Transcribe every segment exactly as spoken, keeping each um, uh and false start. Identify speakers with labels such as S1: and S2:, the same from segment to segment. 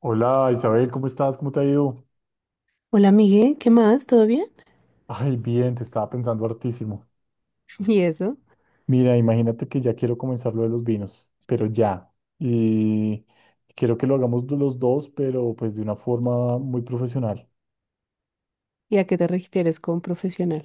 S1: Hola Isabel, ¿cómo estás? ¿Cómo te ha ido?
S2: Hola, Miguel, ¿qué más? ¿Todo bien?
S1: Ay, bien, te estaba pensando hartísimo.
S2: ¿Y eso?
S1: Mira, imagínate que ya quiero comenzar lo de los vinos, pero ya. Y quiero que lo hagamos los dos, pero pues de una forma muy profesional.
S2: ¿Y a qué te refieres con profesional?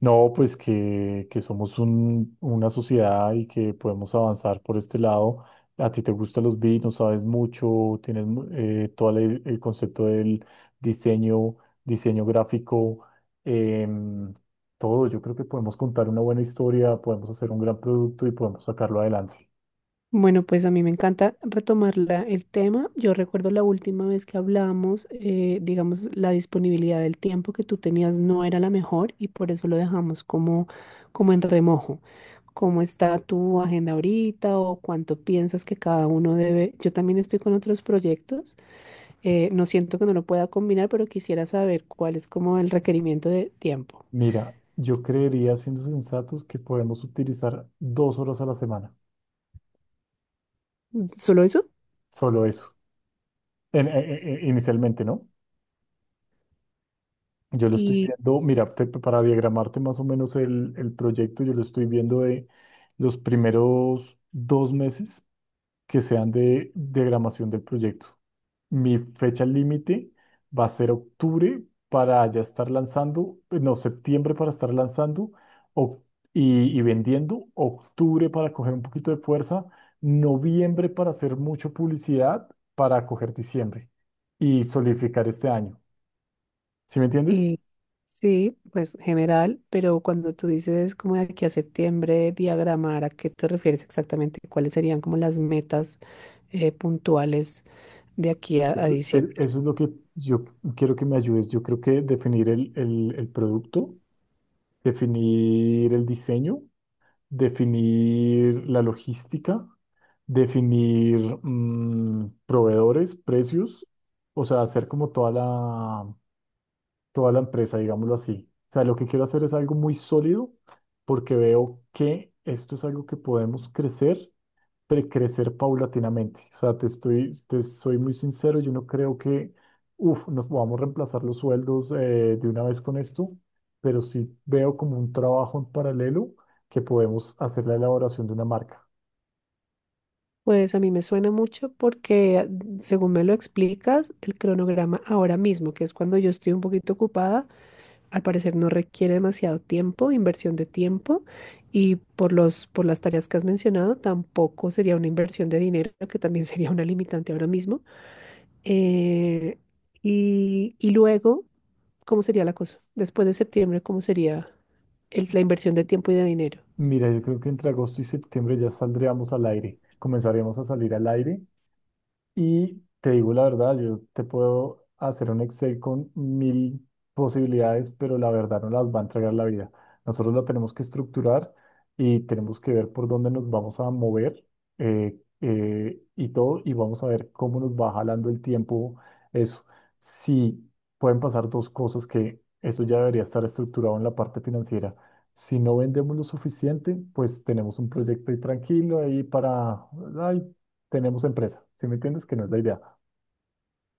S1: No, pues que, que somos un- una sociedad y que podemos avanzar por este lado. A ti te gustan los vinos, sabes mucho, tienes mu- eh, todo el, el concepto del diseño, diseño gráfico, em, todo. Yo creo que podemos contar una buena historia, podemos hacer un gran producto y podemos sacarlo adelante.
S2: Bueno, pues a mí me encanta retomar la- el tema. Yo recuerdo la última vez que hablamos, eh, digamos, la disponibilidad del tiempo que tú tenías no era la mejor y por eso lo dejamos como, como en remojo. ¿Cómo está tu agenda ahorita o cuánto piensas que cada uno debe? Yo también estoy con otros proyectos. Eh, no siento que no lo pueda combinar, pero quisiera saber cuál es como el requerimiento de tiempo.
S1: Mira, yo creería, siendo sensatos, que podemos utilizar dos horas a la semana,
S2: ¿Solo eso?
S1: solo eso, en- en- en- inicialmente, ¿no? Yo lo estoy viendo, mira, te- para diagramarte más o menos el, el proyecto, yo lo estoy viendo de los primeros dos meses que sean de diagramación del proyecto. Mi fecha límite va a ser octubre para ya estar lanzando, eh, no, septiembre para estar lanzando, oc- y, y vendiendo, octubre para coger un poquito de fuerza, noviembre para hacer mucha publicidad, para coger diciembre y solidificar este año. ¿Sí me entiendes?
S2: Eh, sí, pues general, pero cuando tú dices como de aquí a septiembre diagramar, ¿a qué te refieres exactamente? ¿Cuáles serían como las metas eh, puntuales de aquí a, a
S1: Eso, el-
S2: diciembre?
S1: eso es lo que yo quiero que me ayudes. Yo creo que definir el, el- el producto, definir el diseño, definir la logística, definir mm, proveedores, precios, o sea, hacer como toda la, toda la empresa, digámoslo así. O sea, lo que quiero hacer es algo muy sólido porque veo que esto es algo que podemos crecer, pre- crecer paulatinamente. O sea, te estoy, te soy muy sincero, yo no creo que, uf, nos podamos reemplazar los sueldos, eh, de una vez con esto, pero sí veo como un trabajo en paralelo que podemos hacer la elaboración de una marca.
S2: Pues a mí me suena mucho porque, ah, según me lo explicas, el cronograma ahora mismo, que es cuando yo estoy un poquito ocupada, al parecer no requiere demasiado tiempo, inversión de tiempo, y por los, por las tareas que has mencionado, tampoco sería una inversión de dinero, que también sería una limitante ahora mismo. Eh, y, y luego, ¿cómo sería la cosa? Después de septiembre, ¿cómo sería el- la inversión de tiempo y de dinero?
S1: Mira, yo creo que entre agosto y septiembre ya saldríamos al aire, comenzaremos a salir al aire. Y te digo la verdad, yo te puedo hacer un Excel con mil posibilidades, pero la verdad no las va a entregar la vida. Nosotros lo tenemos que estructurar y tenemos que ver por dónde nos vamos a mover, eh, eh, y todo, y vamos a ver cómo nos va jalando el tiempo eso. Si pueden pasar dos cosas, que eso ya debería estar estructurado en la parte financiera. Si no vendemos lo suficiente, pues tenemos un proyecto ahí tranquilo, ahí para, ay, tenemos empresa, ¿sí me entiendes? Que no es la idea.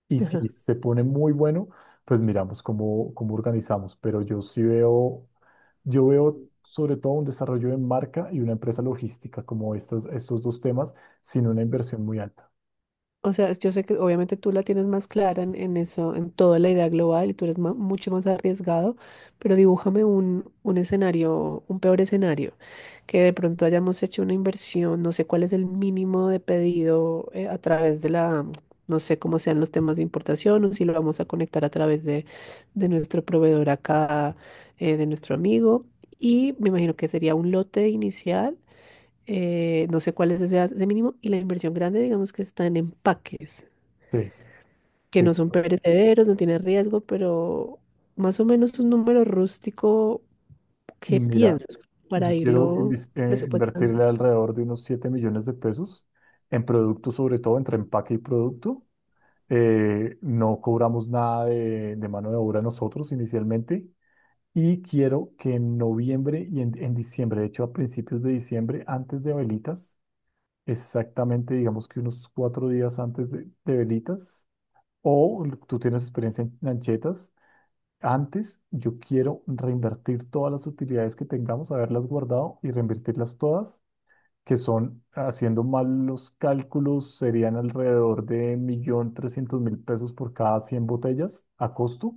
S1: Y si se pone muy bueno, pues miramos cómo, cómo organizamos. Pero yo sí veo, yo veo sobre todo un desarrollo de marca y una empresa logística como estas, estos dos temas, sin una inversión muy alta.
S2: O sea, yo sé que obviamente tú la tienes más clara en, en eso, en toda la idea global y tú eres ma- mucho más arriesgado, pero dibújame un, un escenario, un peor escenario, que de pronto hayamos hecho una inversión, no sé cuál es el mínimo de pedido eh, a través de la, no sé cómo sean los temas de importación o si lo vamos a conectar a través de, de nuestro proveedor acá, eh, de nuestro amigo, y me imagino que sería un lote inicial eh, no sé cuál es ese, ese mínimo, y la inversión grande, digamos que está en empaques,
S1: Sí,
S2: que no
S1: sí.
S2: son perecederos, no tienen riesgo, pero más o menos un número rústico, ¿qué
S1: Mira,
S2: piensas para
S1: yo quiero
S2: irlo
S1: invis- eh,
S2: presupuestando?
S1: invertirle alrededor de unos siete millones de pesos en productos, sobre todo entre empaque y producto. Eh, no cobramos nada de, de mano de obra nosotros inicialmente. Y quiero que en noviembre y en, en diciembre, de hecho a principios de diciembre, antes de Velitas, exactamente digamos que unos cuatro días antes de, de Velitas, o l- tú tienes experiencia en lanchetas, antes yo quiero reinvertir todas las utilidades que tengamos, haberlas guardado y reinvertirlas todas, que son, haciendo mal los cálculos, serían alrededor de un millón trescientos mil pesos por cada cien botellas a costo.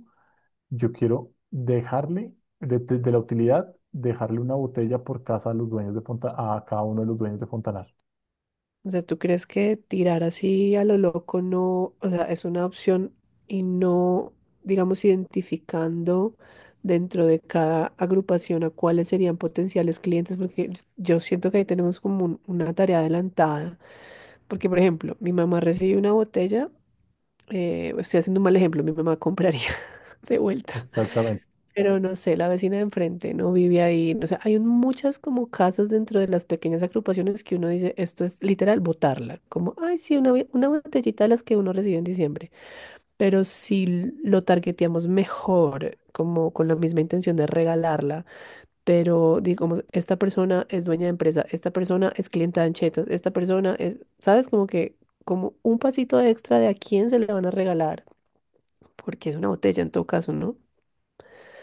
S1: Yo quiero dejarle, de, de- de la utilidad, dejarle una botella por casa a los dueños de Fonta, a cada uno de los dueños de Fontanar.
S2: O sea, ¿tú crees que tirar así a lo loco no, o sea, es una opción y no, digamos, identificando dentro de cada agrupación a cuáles serían potenciales clientes? Porque yo siento que ahí tenemos como un- una tarea adelantada. Porque, por ejemplo, mi mamá recibe una botella, eh, estoy haciendo un mal ejemplo, mi mamá compraría de vuelta.
S1: Exactamente.
S2: Pero no sé, la vecina de enfrente no vive ahí. O sea, hay un- muchas como casas dentro de las pequeñas agrupaciones que uno dice, esto es literal botarla. Como, ay, sí, una, bi- una botellita de las que uno recibe en diciembre. Pero si lo targeteamos mejor, como con la misma intención de regalarla, pero digamos, esta persona es dueña de empresa, esta persona es clienta de Anchetas, esta persona es, ¿sabes? Como que, como un pasito extra de a quién se le van a regalar, porque es una botella en todo caso, ¿no?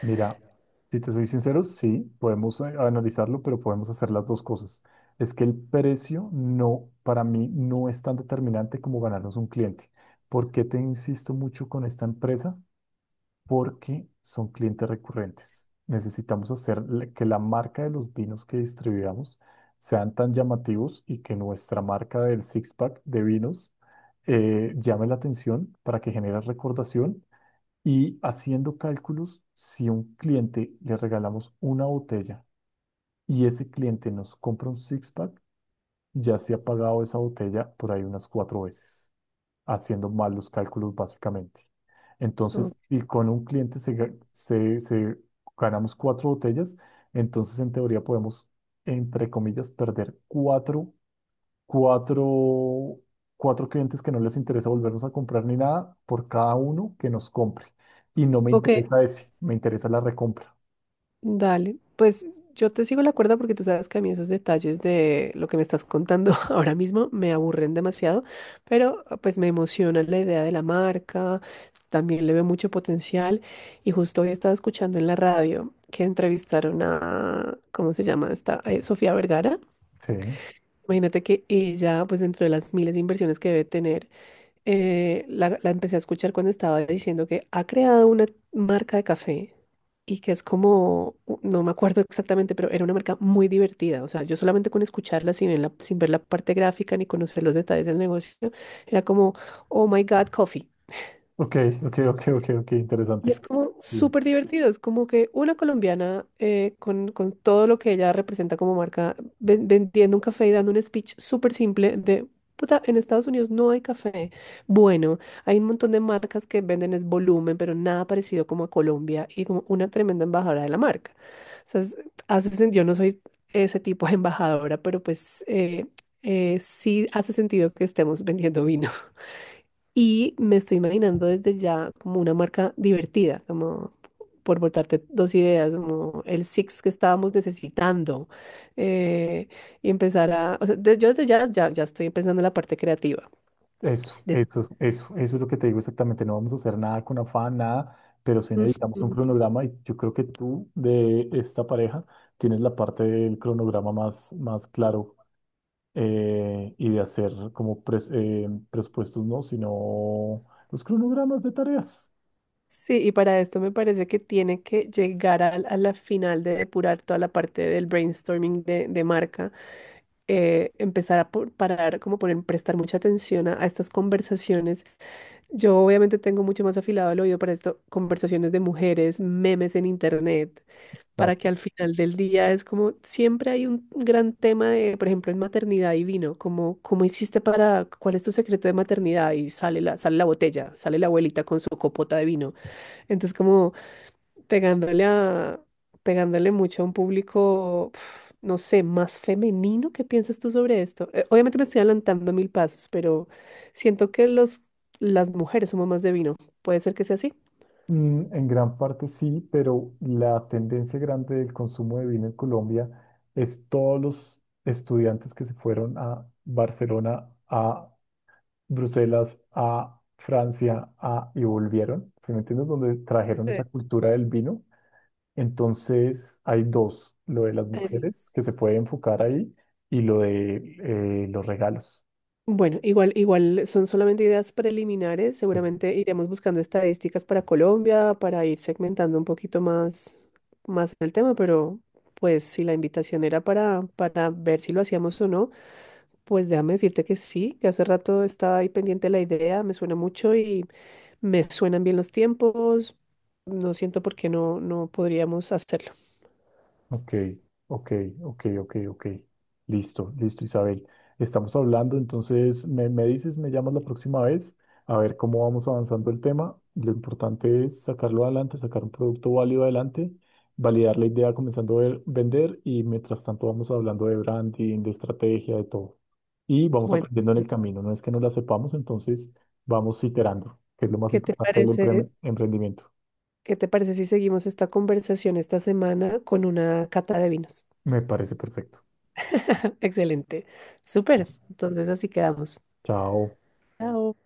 S1: Mira, si te soy sincero, sí, podemos, eh, analizarlo, pero podemos hacer las dos cosas. Es que el precio no, para mí, no es tan determinante como ganarnos un cliente. ¿Por qué te insisto mucho con esta empresa? Porque son clientes recurrentes. Necesitamos hacer le- que la marca de los vinos que distribuidamos sean tan llamativos y que nuestra marca del six-pack de vinos eh, llame la atención para que genere recordación. Y haciendo cálculos, si a un cliente le regalamos una botella y ese cliente nos compra un six-pack, ya se ha pagado esa botella por ahí unas cuatro veces, haciendo mal los cálculos básicamente.
S2: Mm.
S1: Entonces, y con un cliente se, ga- se- se- ganamos cuatro botellas, entonces en teoría podemos, entre comillas, perder cuatro, cuatro, cuatro clientes, que no les interesa volvernos a comprar ni nada, por cada uno que nos compre. Y no me
S2: Ok,
S1: interesa ese, me interesa la recompra.
S2: dale, pues yo te sigo la cuerda porque tú sabes que a mí esos detalles de lo que me estás contando ahora mismo me aburren demasiado, pero ah, pues me emociona la idea de la marca, también le veo mucho potencial, y justo hoy estaba escuchando en la radio que entrevistaron a, ¿cómo se llama esta? Eh, Sofía Vergara.
S1: Sí.
S2: Imagínate que ella, pues dentro de las miles de inversiones que debe tener, eh, la, la empecé a escuchar cuando estaba diciendo que ha creado una marca de café y que es como, u- no me acuerdo exactamente, pero era una marca muy divertida. O sea, yo solamente con escucharla sin ver la, sin ver la parte gráfica ni conocer los detalles del negocio, era como, oh my God, coffee.
S1: Ok, ok, ok, ok, ok,
S2: Y
S1: interesante.
S2: es como
S1: Sí.
S2: súper divertido, es como que una colombiana eh, con, con todo lo que ella representa como marca, ven- vendiendo un café y dando un speech súper simple de, puta, en Estados Unidos no hay café. Bueno, hay un montón de marcas que venden es volumen, pero nada parecido como a Colombia y como una tremenda embajadora de la marca. O sea, es- hace sen- yo no soy ese tipo de embajadora, pero pues eh, eh, sí hace sentido que estemos vendiendo vino. Y me estoy imaginando desde ya como una marca divertida, como por botarte dos ideas, como el Six que estábamos necesitando. eh, y empezar a, o sea, de- yo desde ya, ya, ya estoy pensando en la parte creativa.
S1: Eso,
S2: De-
S1: eso, eso, eso es lo que te digo exactamente. No vamos a hacer nada con afán, nada, pero sí necesitamos un
S2: Ujú.
S1: cronograma y yo creo que tú de esta pareja tienes la parte del cronograma más, más claro, eh, y de hacer como pres- eh, presupuestos, no, sino los cronogramas de tareas.
S2: Sí, y para esto me parece que tiene que llegar a, a la final de depurar toda la parte del brainstorming de, de marca, eh, empezar a por- parar, como poner, prestar mucha atención a, a estas conversaciones. Yo obviamente tengo mucho más afilado el oído para esto, conversaciones de mujeres, memes en internet,
S1: O
S2: para que al final del día es como siempre hay un gran tema de, por ejemplo, en maternidad y vino, como cómo hiciste para, cuál es tu secreto de maternidad y sale la, sale la botella, sale la abuelita con su copota de vino. Entonces como pegándole a, pegándole mucho a un público, pf, no sé, más femenino. ¿Qué piensas tú sobre esto? Eh, obviamente me estoy adelantando mil pasos, pero siento que los, las mujeres somos más de vino. ¿Puede ser que sea así?
S1: mm, en gran parte sí, pero la tendencia grande del consumo de vino en Colombia es todos los estudiantes que se fueron a Barcelona, a Bruselas, a Francia, a, y volvieron, ¿sí me entiendes? Donde trajeron
S2: Eh,
S1: esa cultura del vino. Entonces hay dos, lo de las
S2: eh,
S1: mujeres, que se puede enfocar ahí, y lo de, eh, los regalos.
S2: Bueno, igual, igual son solamente ideas preliminares. Seguramente iremos buscando estadísticas para Colombia, para ir segmentando un poquito más, más el tema, pero pues si la invitación era para, para ver si lo hacíamos o no. Pues déjame decirte que sí, que hace rato estaba ahí pendiente la idea, me suena mucho y me suenan bien los tiempos. No siento por qué no, no podríamos hacerlo.
S1: Ok, ok, ok, ok, ok. Listo, listo, Isabel. Estamos hablando, entonces me, me, dices, me llamas la próxima vez a ver cómo vamos avanzando el tema. Lo importante es sacarlo adelante, sacar un producto válido adelante, validar la idea comenzando a ver- vender, y mientras tanto vamos hablando de branding, de estrategia, de todo. Y vamos
S2: Bueno,
S1: aprendiendo en el camino. No es que no la sepamos, entonces vamos iterando, que es lo más
S2: ¿qué te
S1: importante del empre-
S2: parece?
S1: emprendimiento.
S2: ¿Qué te parece si seguimos esta conversación esta semana con una cata de vinos?
S1: Me parece perfecto.
S2: Excelente. Súper. Entonces así quedamos.
S1: Chao.
S2: Chao.